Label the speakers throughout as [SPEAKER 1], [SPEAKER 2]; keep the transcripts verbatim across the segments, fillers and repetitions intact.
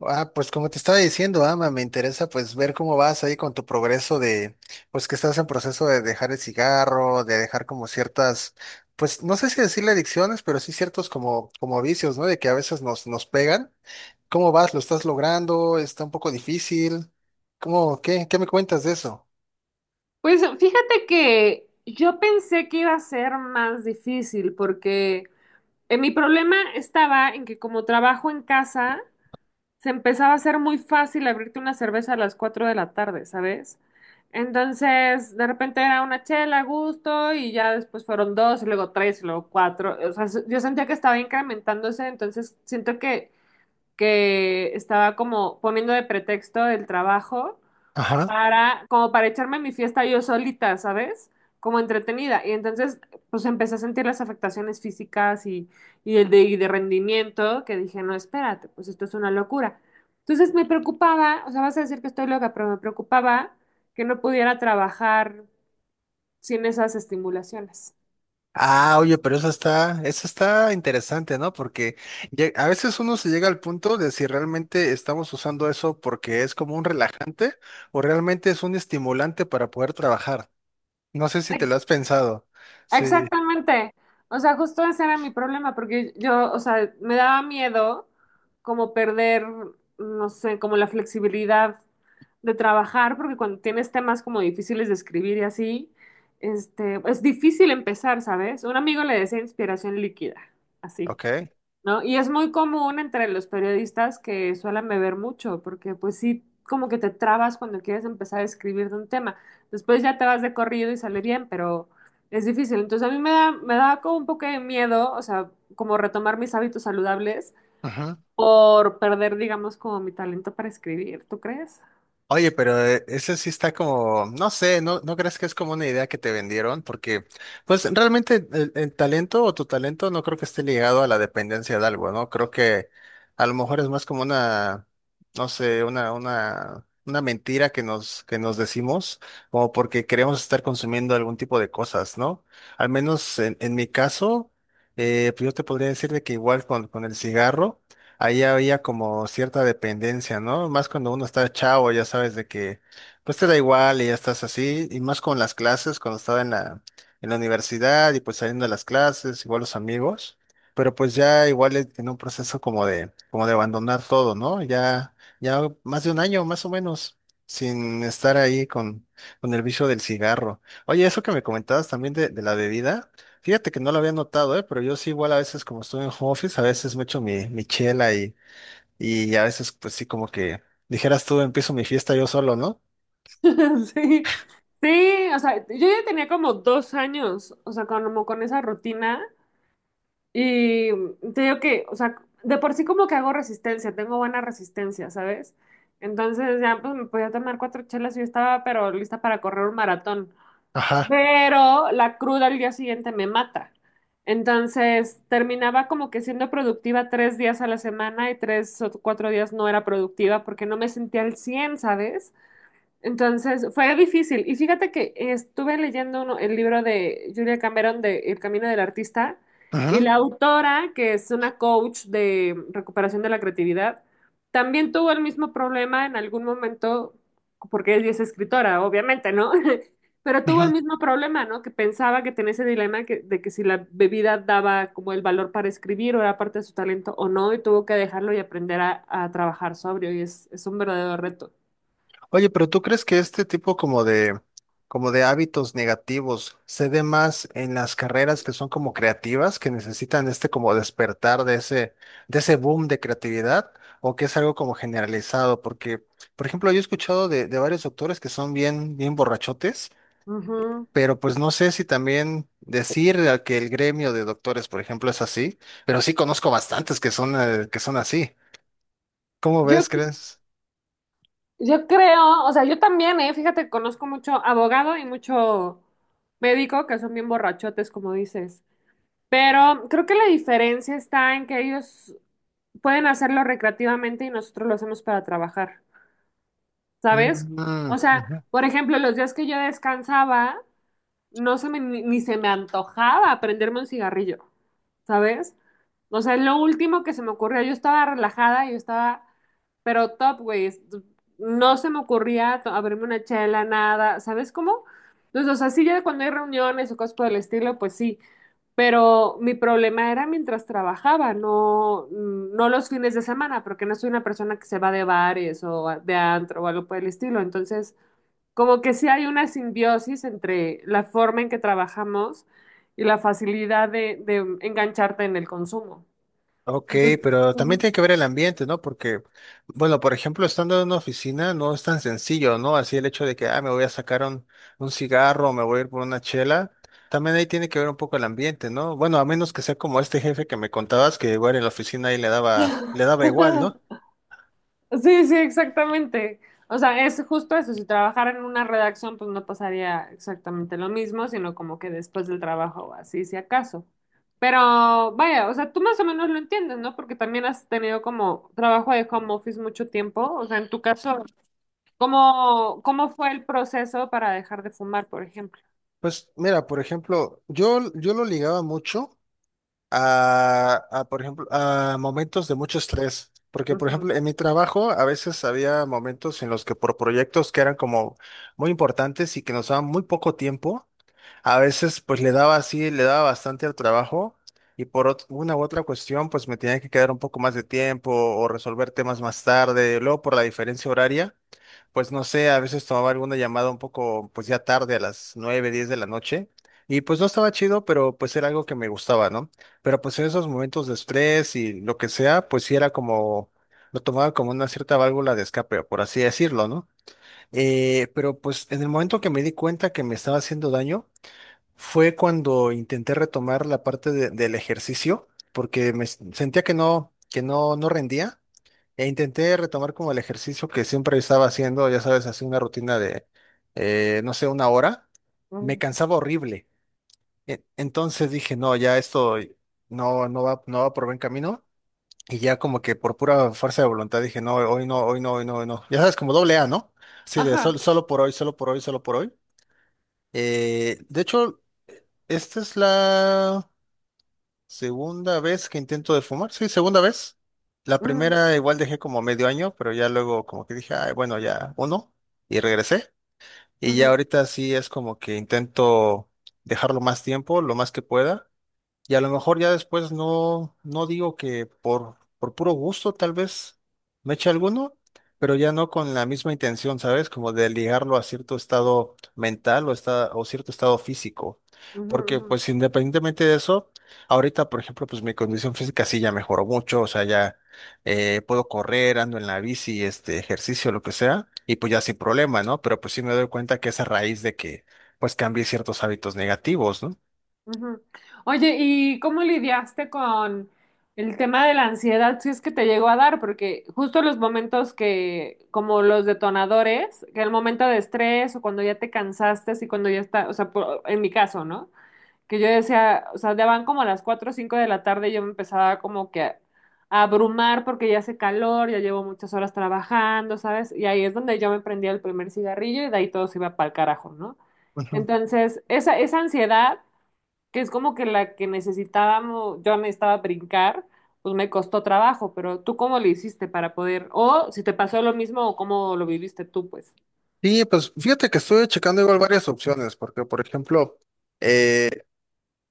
[SPEAKER 1] Ah, pues como te estaba diciendo, Ama, me interesa pues ver cómo vas ahí con tu progreso de, pues que estás en proceso de dejar el cigarro, de dejar como ciertas, pues no sé si decirle adicciones, pero sí ciertos como, como vicios, ¿no? De que a veces nos, nos pegan. ¿Cómo vas? ¿Lo estás logrando? ¿Está un poco difícil? ¿Cómo, qué, qué me cuentas de eso?
[SPEAKER 2] Pues fíjate que yo pensé que iba a ser más difícil porque eh, mi problema estaba en que como trabajo en casa, se empezaba a hacer muy fácil abrirte una cerveza a las cuatro de la tarde, ¿sabes? Entonces, de repente era una chela a gusto y ya después fueron dos y luego tres y luego cuatro. O sea, yo sentía que estaba incrementándose, entonces siento que, que estaba como poniendo de pretexto el trabajo
[SPEAKER 1] Ajá.
[SPEAKER 2] para, como para echarme mi fiesta yo solita, ¿sabes? Como entretenida. Y entonces, pues empecé a sentir las afectaciones físicas y, y el de, y de rendimiento, que dije, no, espérate, pues esto es una locura. Entonces me preocupaba, o sea, vas a decir que estoy loca, pero me preocupaba que no pudiera trabajar sin esas estimulaciones.
[SPEAKER 1] Ah, oye, pero eso está, eso está interesante, ¿no? Porque lle- a veces uno se llega al punto de si realmente estamos usando eso porque es como un relajante o realmente es un estimulante para poder trabajar. No sé si te lo has pensado. Sí,
[SPEAKER 2] Exactamente. O sea, justo ese era mi problema, porque yo, o sea, me daba miedo como perder, no sé, como la flexibilidad de trabajar, porque cuando tienes temas como difíciles de escribir y así, este, es difícil empezar, ¿sabes? Un amigo le decía inspiración líquida, así.
[SPEAKER 1] ok.
[SPEAKER 2] ¿No? Y es muy común entre los periodistas que suelen beber mucho, porque pues sí, como que te trabas cuando quieres empezar a escribir de un tema. Después ya te vas de corrido y sale bien, pero es difícil. Entonces a mí me da, me da como un poco de miedo, o sea, como retomar mis hábitos saludables por perder, digamos, como mi talento para escribir, ¿tú crees?
[SPEAKER 1] Oye, pero eh, ese sí está como, no sé, ¿no, no crees que es como una idea que te vendieron? Porque, pues realmente el, el talento o tu talento no creo que esté ligado a la dependencia de algo, ¿no? Creo que a lo mejor es más como una, no sé, una, una, una mentira que nos, que nos decimos, como porque queremos estar consumiendo algún tipo de cosas, ¿no? Al menos en, en mi caso, eh, pues yo te podría decir de que igual con, con el cigarro ahí había como cierta dependencia, ¿no? Más cuando uno está chavo, ya sabes de que, pues te da igual y ya estás así, y más con las clases, cuando estaba en la, en la universidad y pues saliendo de las clases, igual los amigos, pero pues ya igual e- en un proceso como de, como de abandonar todo, ¿no? Ya, ya más de un año, más o menos, sin estar ahí con, con el vicio del cigarro. Oye, eso que me comentabas también de, de la bebida. Fíjate que no lo había notado, ¿eh? Pero yo sí igual a veces como estoy en home office, a veces me echo mi, mi chela y, y a veces pues sí como que dijeras tú, empiezo mi fiesta yo solo, ¿no?
[SPEAKER 2] Sí. Sí, o sea, yo ya tenía como dos años, o sea, como con esa rutina. Y mm, te digo que, o sea, de por sí como que hago resistencia, tengo buena resistencia, ¿sabes? Entonces ya pues me podía tomar cuatro chelas y yo estaba pero lista para correr un maratón.
[SPEAKER 1] Ajá.
[SPEAKER 2] Pero la cruda al día siguiente me mata. Entonces terminaba como que siendo productiva tres días a la semana y tres o cuatro días no era productiva porque no me sentía al cien, ¿sabes? Entonces fue difícil. Y fíjate que estuve leyendo uno- el libro de Julia Cameron de El Camino del Artista, y
[SPEAKER 1] Ujú,
[SPEAKER 2] la autora, que es una coach de recuperación de la creatividad, también tuvo el mismo problema en algún momento, porque ella es escritora, obviamente, ¿no? Pero tuvo el
[SPEAKER 1] ujú.
[SPEAKER 2] mismo problema, ¿no? Que pensaba que tenía ese dilema que- de que si la bebida daba como el valor para escribir o era parte de su talento o no, y tuvo que dejarlo y aprender a, a trabajar sobrio, y es, es un verdadero reto.
[SPEAKER 1] Oye, pero ¿tú crees que este tipo como de, como de hábitos negativos se dé más en las carreras que son como creativas, que necesitan este como despertar de ese, de ese boom de creatividad? ¿O que es algo como generalizado? Porque, por ejemplo, yo he escuchado de, de varios doctores que son bien, bien borrachotes.
[SPEAKER 2] Ujú.
[SPEAKER 1] Pero pues no sé si también decir a que el gremio de doctores, por ejemplo, es así, pero sí conozco bastantes que son, eh, que son así. ¿Cómo
[SPEAKER 2] Yo,
[SPEAKER 1] ves,
[SPEAKER 2] c-
[SPEAKER 1] crees?
[SPEAKER 2] yo creo, o sea, yo también, eh, fíjate, conozco mucho abogado y mucho médico que son bien borrachotes, como dices. Pero creo que la diferencia está en que ellos pueden hacerlo recreativamente y nosotros lo hacemos para trabajar, ¿sabes?
[SPEAKER 1] Mm,
[SPEAKER 2] O sea,
[SPEAKER 1] ujú.
[SPEAKER 2] por ejemplo, los días que yo descansaba, no se me, ni ni se me antojaba prenderme un cigarrillo, ¿sabes? O sea, es lo último que se me ocurrió. Yo estaba relajada, yo estaba, pero top, güey. es- No se me ocurría to- abrirme una chela, nada, ¿sabes cómo? Entonces, o sea, sí, ya cuando hay reuniones o cosas por el estilo, pues sí. Pero mi problema era mientras trabajaba, no, no los fines de semana, porque no soy una persona que se va de bares o a- de antro o algo por el estilo. Entonces, como que sí hay una simbiosis entre la forma en que trabajamos y la facilidad de, de engancharte en el consumo.
[SPEAKER 1] Ok,
[SPEAKER 2] Entonces,
[SPEAKER 1] pero también
[SPEAKER 2] ujú.
[SPEAKER 1] tiene que ver el ambiente, ¿no? Porque, bueno, por ejemplo, estando en una oficina no es tan sencillo, ¿no? Así el hecho de que, ah, me voy a sacar un, un cigarro, me voy a ir por una chela, también ahí tiene que ver un poco el ambiente, ¿no? Bueno, a menos que sea como este jefe que me contabas, que igual en la oficina ahí le daba, le daba igual, ¿no?
[SPEAKER 2] Sí, sí, exactamente. O sea, es justo eso. Si trabajara en una redacción, pues no pasaría exactamente lo mismo, sino como que después del trabajo, así si acaso. Pero vaya, o sea, tú más o menos lo entiendes, ¿no? Porque también has tenido como trabajo de home office mucho tiempo. O sea, en tu caso, ¿Cómo, cómo fue el proceso para dejar de fumar, por ejemplo?
[SPEAKER 1] Pues mira, por ejemplo, yo, yo lo ligaba mucho a, a, por ejemplo, a momentos de mucho estrés, porque por
[SPEAKER 2] Ujú,
[SPEAKER 1] ejemplo, en mi trabajo a veces había momentos en los que por proyectos que eran como muy importantes y que nos daban muy poco tiempo, a veces pues le daba así, le daba bastante al trabajo y por ot- una u otra cuestión pues me tenía que quedar un poco más de tiempo o resolver temas más tarde, luego por la diferencia horaria. Pues no sé, a veces tomaba alguna llamada un poco, pues ya tarde, a las nueve, diez de la noche, y pues no estaba chido, pero pues era algo que me gustaba, ¿no? Pero pues en esos momentos de estrés y lo que sea, pues sí era como, lo tomaba como una cierta válvula de escape, por así decirlo, ¿no? Eh, pero pues en el momento que me di cuenta que me estaba haciendo daño, fue cuando intenté retomar la parte de- del ejercicio, porque me s- sentía que no, que no, no rendía. E intenté retomar como el ejercicio que siempre estaba haciendo, ya sabes, así una rutina de, eh, no sé, una hora. Me
[SPEAKER 2] ujú.
[SPEAKER 1] cansaba horrible. E- Entonces dije, no, ya esto no, no va, no va por buen camino. Y ya como que por pura fuerza de voluntad dije, no, hoy no, hoy no, hoy no, hoy no. Ya sabes, como doble A, ¿no? Sí, de
[SPEAKER 2] Ajá.
[SPEAKER 1] sol- solo por hoy, solo por hoy, solo por hoy. Eh, de hecho, esta es la... Segunda vez que intento de fumar, sí, segunda vez. La
[SPEAKER 2] Ujú,
[SPEAKER 1] primera igual dejé como medio año, pero ya luego como que dije, "Ay, bueno, ya uno", y regresé. Y ya
[SPEAKER 2] ujú,
[SPEAKER 1] ahorita sí es como que intento dejarlo más tiempo, lo más que pueda. Y a lo mejor ya después no, no digo que por, por puro gusto tal vez me eche alguno, pero ya no con la misma intención, ¿sabes? Como de ligarlo a cierto estado mental o, esta- o cierto estado físico.
[SPEAKER 2] ujú,
[SPEAKER 1] Porque
[SPEAKER 2] ujú,
[SPEAKER 1] pues independientemente de eso, ahorita por ejemplo pues mi condición física sí ya mejoró mucho, o sea, ya eh, puedo correr, ando en la bici, este ejercicio, lo que sea, y pues ya sin problema, ¿no? Pero pues sí me doy cuenta que es a raíz de que pues cambié ciertos hábitos negativos, ¿no?
[SPEAKER 2] ujú. Oye, ¿y cómo lidiaste con el tema de la ansiedad si es que te llegó a dar? Porque justo los momentos que, como los detonadores, que el momento de estrés o cuando ya te cansaste, y cuando ya está, o sea, por- en mi caso, ¿no? Que yo decía, o sea, daban como a las cuatro o cinco de la tarde y yo me empezaba como que a, a abrumar porque ya hace calor, ya llevo muchas horas trabajando, ¿sabes? Y ahí es donde yo me prendía el primer cigarrillo y de ahí todo se iba para el carajo, ¿no?
[SPEAKER 1] Ujú.
[SPEAKER 2] Entonces, esa, esa ansiedad, que es como que la que necesitábamos, yo necesitaba brincar, pues me costó trabajo, pero ¿tú cómo le hiciste para poder, o si te pasó lo mismo o cómo lo viviste tú, pues?
[SPEAKER 1] Sí, pues fíjate que estuve checando igual varias opciones, porque por ejemplo, eh,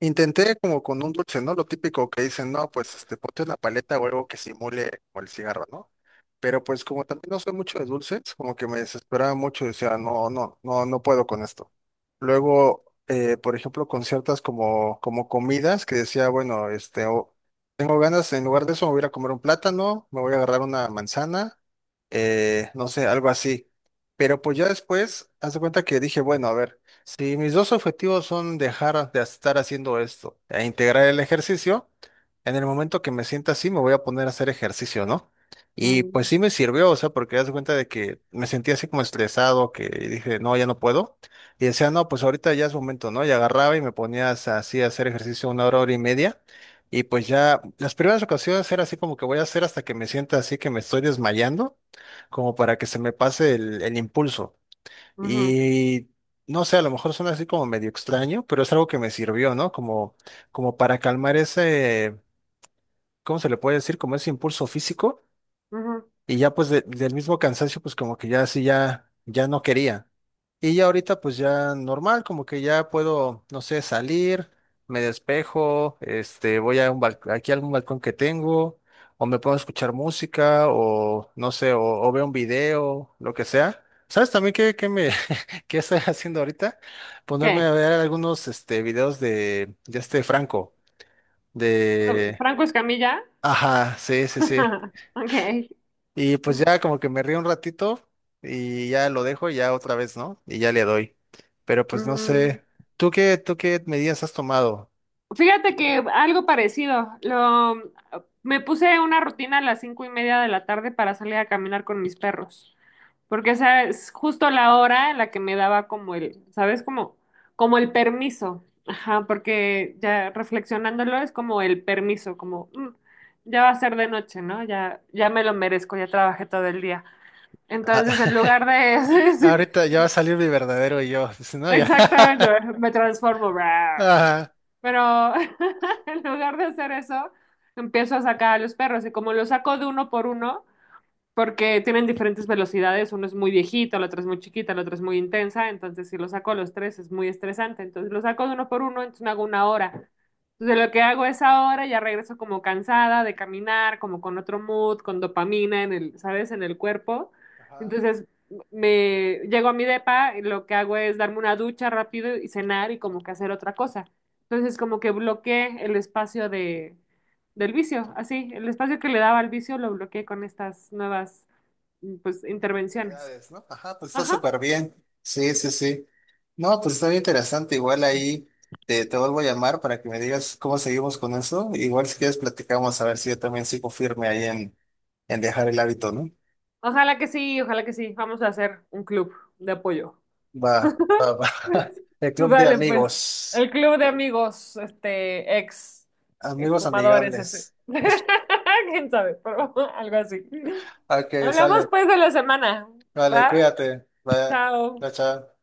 [SPEAKER 1] intenté como con un dulce, ¿no? Lo típico que dicen, no, pues este, ponte una paleta o algo que simule como el cigarro, ¿no? Pero pues como también no soy mucho de dulces, como que me desesperaba mucho y decía, no, no, no, no puedo con esto. Luego, eh, por ejemplo, con ciertas como, como comidas que decía, bueno, este, o- tengo ganas, en lugar de eso me voy a ir a comer un plátano, me voy a agarrar una manzana, eh, no sé, algo así. Pero pues ya después, haz de cuenta que dije, bueno, a ver. Sí, mis dos objetivos son dejar de estar haciendo esto e integrar el ejercicio. En el momento que me sienta así, me voy a poner a hacer ejercicio, ¿no? Y pues
[SPEAKER 2] Mm,
[SPEAKER 1] sí me sirvió, o sea, porque das cuenta de que me sentía así como estresado, que dije, no, ya no puedo. Y decía, no, pues ahorita ya es momento, ¿no? Y agarraba y me ponía as- así a hacer ejercicio una hora, hora y media. Y pues ya las primeras ocasiones era así como que voy a hacer hasta que me sienta así que me estoy desmayando, como para que se me pase el el impulso.
[SPEAKER 2] ujú,
[SPEAKER 1] Y no sé, a lo mejor suena así como medio extraño, pero es algo que me sirvió, ¿no? Como, como para calmar ese, ¿cómo se le puede decir? Como ese impulso físico.
[SPEAKER 2] ujú.
[SPEAKER 1] Y ya pues de- del mismo cansancio, pues como que ya así ya, ya no quería. Y ya ahorita pues ya normal, como que ya puedo, no sé, salir, me despejo, este, voy a un bal- aquí a algún balcón que tengo, o me puedo escuchar música, o no sé, o, o veo un video, lo que sea. ¿Sabes también qué, qué me qué estoy haciendo ahorita? Ponerme
[SPEAKER 2] ¿Qué?
[SPEAKER 1] a ver algunos este videos de, de este Franco, de
[SPEAKER 2] ¿Franco Escamilla?
[SPEAKER 1] ajá, sí, sí, sí.
[SPEAKER 2] Ok.
[SPEAKER 1] Y pues ya como que me río un ratito y ya lo dejo y ya otra vez, ¿no? Y ya le doy. Pero pues no
[SPEAKER 2] Mm,
[SPEAKER 1] sé, ¿tú qué, tú qué medidas has tomado?
[SPEAKER 2] Fíjate que algo parecido. Lo, me puse una rutina a las cinco y media de la tarde para salir a caminar con mis perros, porque esa es justo la hora en la que me daba como el, ¿sabes? Como, como el permiso. Ajá, porque ya reflexionándolo es como el permiso, como mm, ya va a ser de noche, ¿no? Ya, ya me lo merezco, ya trabajé todo el día. Entonces, en
[SPEAKER 1] Ah,
[SPEAKER 2] lugar de, sí,
[SPEAKER 1] ahorita ya va a salir mi verdadero yo, pues, ¿no? Ya.
[SPEAKER 2] exactamente, me transformo.
[SPEAKER 1] Ajá.
[SPEAKER 2] Pero en lugar de hacer eso, empiezo a sacar a los perros y como los saco de uno por uno, porque tienen diferentes velocidades, uno es muy viejito, la otra es muy chiquita, la otra es muy intensa, entonces si lo saco a los tres es muy estresante, entonces lo saco de uno por uno, entonces me hago una hora. Entonces lo que hago es ahora, ya regreso como cansada de caminar, como con otro mood, con dopamina en el, ¿sabes? En el cuerpo.
[SPEAKER 1] Ajá,
[SPEAKER 2] Entonces me llego a mi depa y lo que hago es darme una ducha rápido y cenar y como que hacer otra cosa. Entonces como que bloqueé el espacio de, del vicio, así, el espacio que le daba al vicio lo bloqueé con estas nuevas, pues, intervenciones.
[SPEAKER 1] actividades, ¿no? Ajá, pues está
[SPEAKER 2] Ajá.
[SPEAKER 1] súper bien. Sí, sí, sí. No, pues está bien interesante. Igual ahí te, te vuelvo a llamar para que me digas cómo seguimos con eso. Igual si quieres platicamos a ver si yo también sigo firme ahí en, en dejar el hábito, ¿no?
[SPEAKER 2] Ojalá que sí, ojalá que sí. Vamos a hacer un club de apoyo.
[SPEAKER 1] Va, va, va. El club de
[SPEAKER 2] Dale, pues.
[SPEAKER 1] amigos.
[SPEAKER 2] El club de amigos, este, ex eh,
[SPEAKER 1] Amigos
[SPEAKER 2] fumadores, ese.
[SPEAKER 1] amigables.
[SPEAKER 2] ¿Quién sabe? Pero algo así.
[SPEAKER 1] Ok,
[SPEAKER 2] Hablamos,
[SPEAKER 1] sale.
[SPEAKER 2] pues, de la semana.
[SPEAKER 1] Vale,
[SPEAKER 2] ¿Va?
[SPEAKER 1] cuídate. Vaya,
[SPEAKER 2] Chao.
[SPEAKER 1] chao. Chao.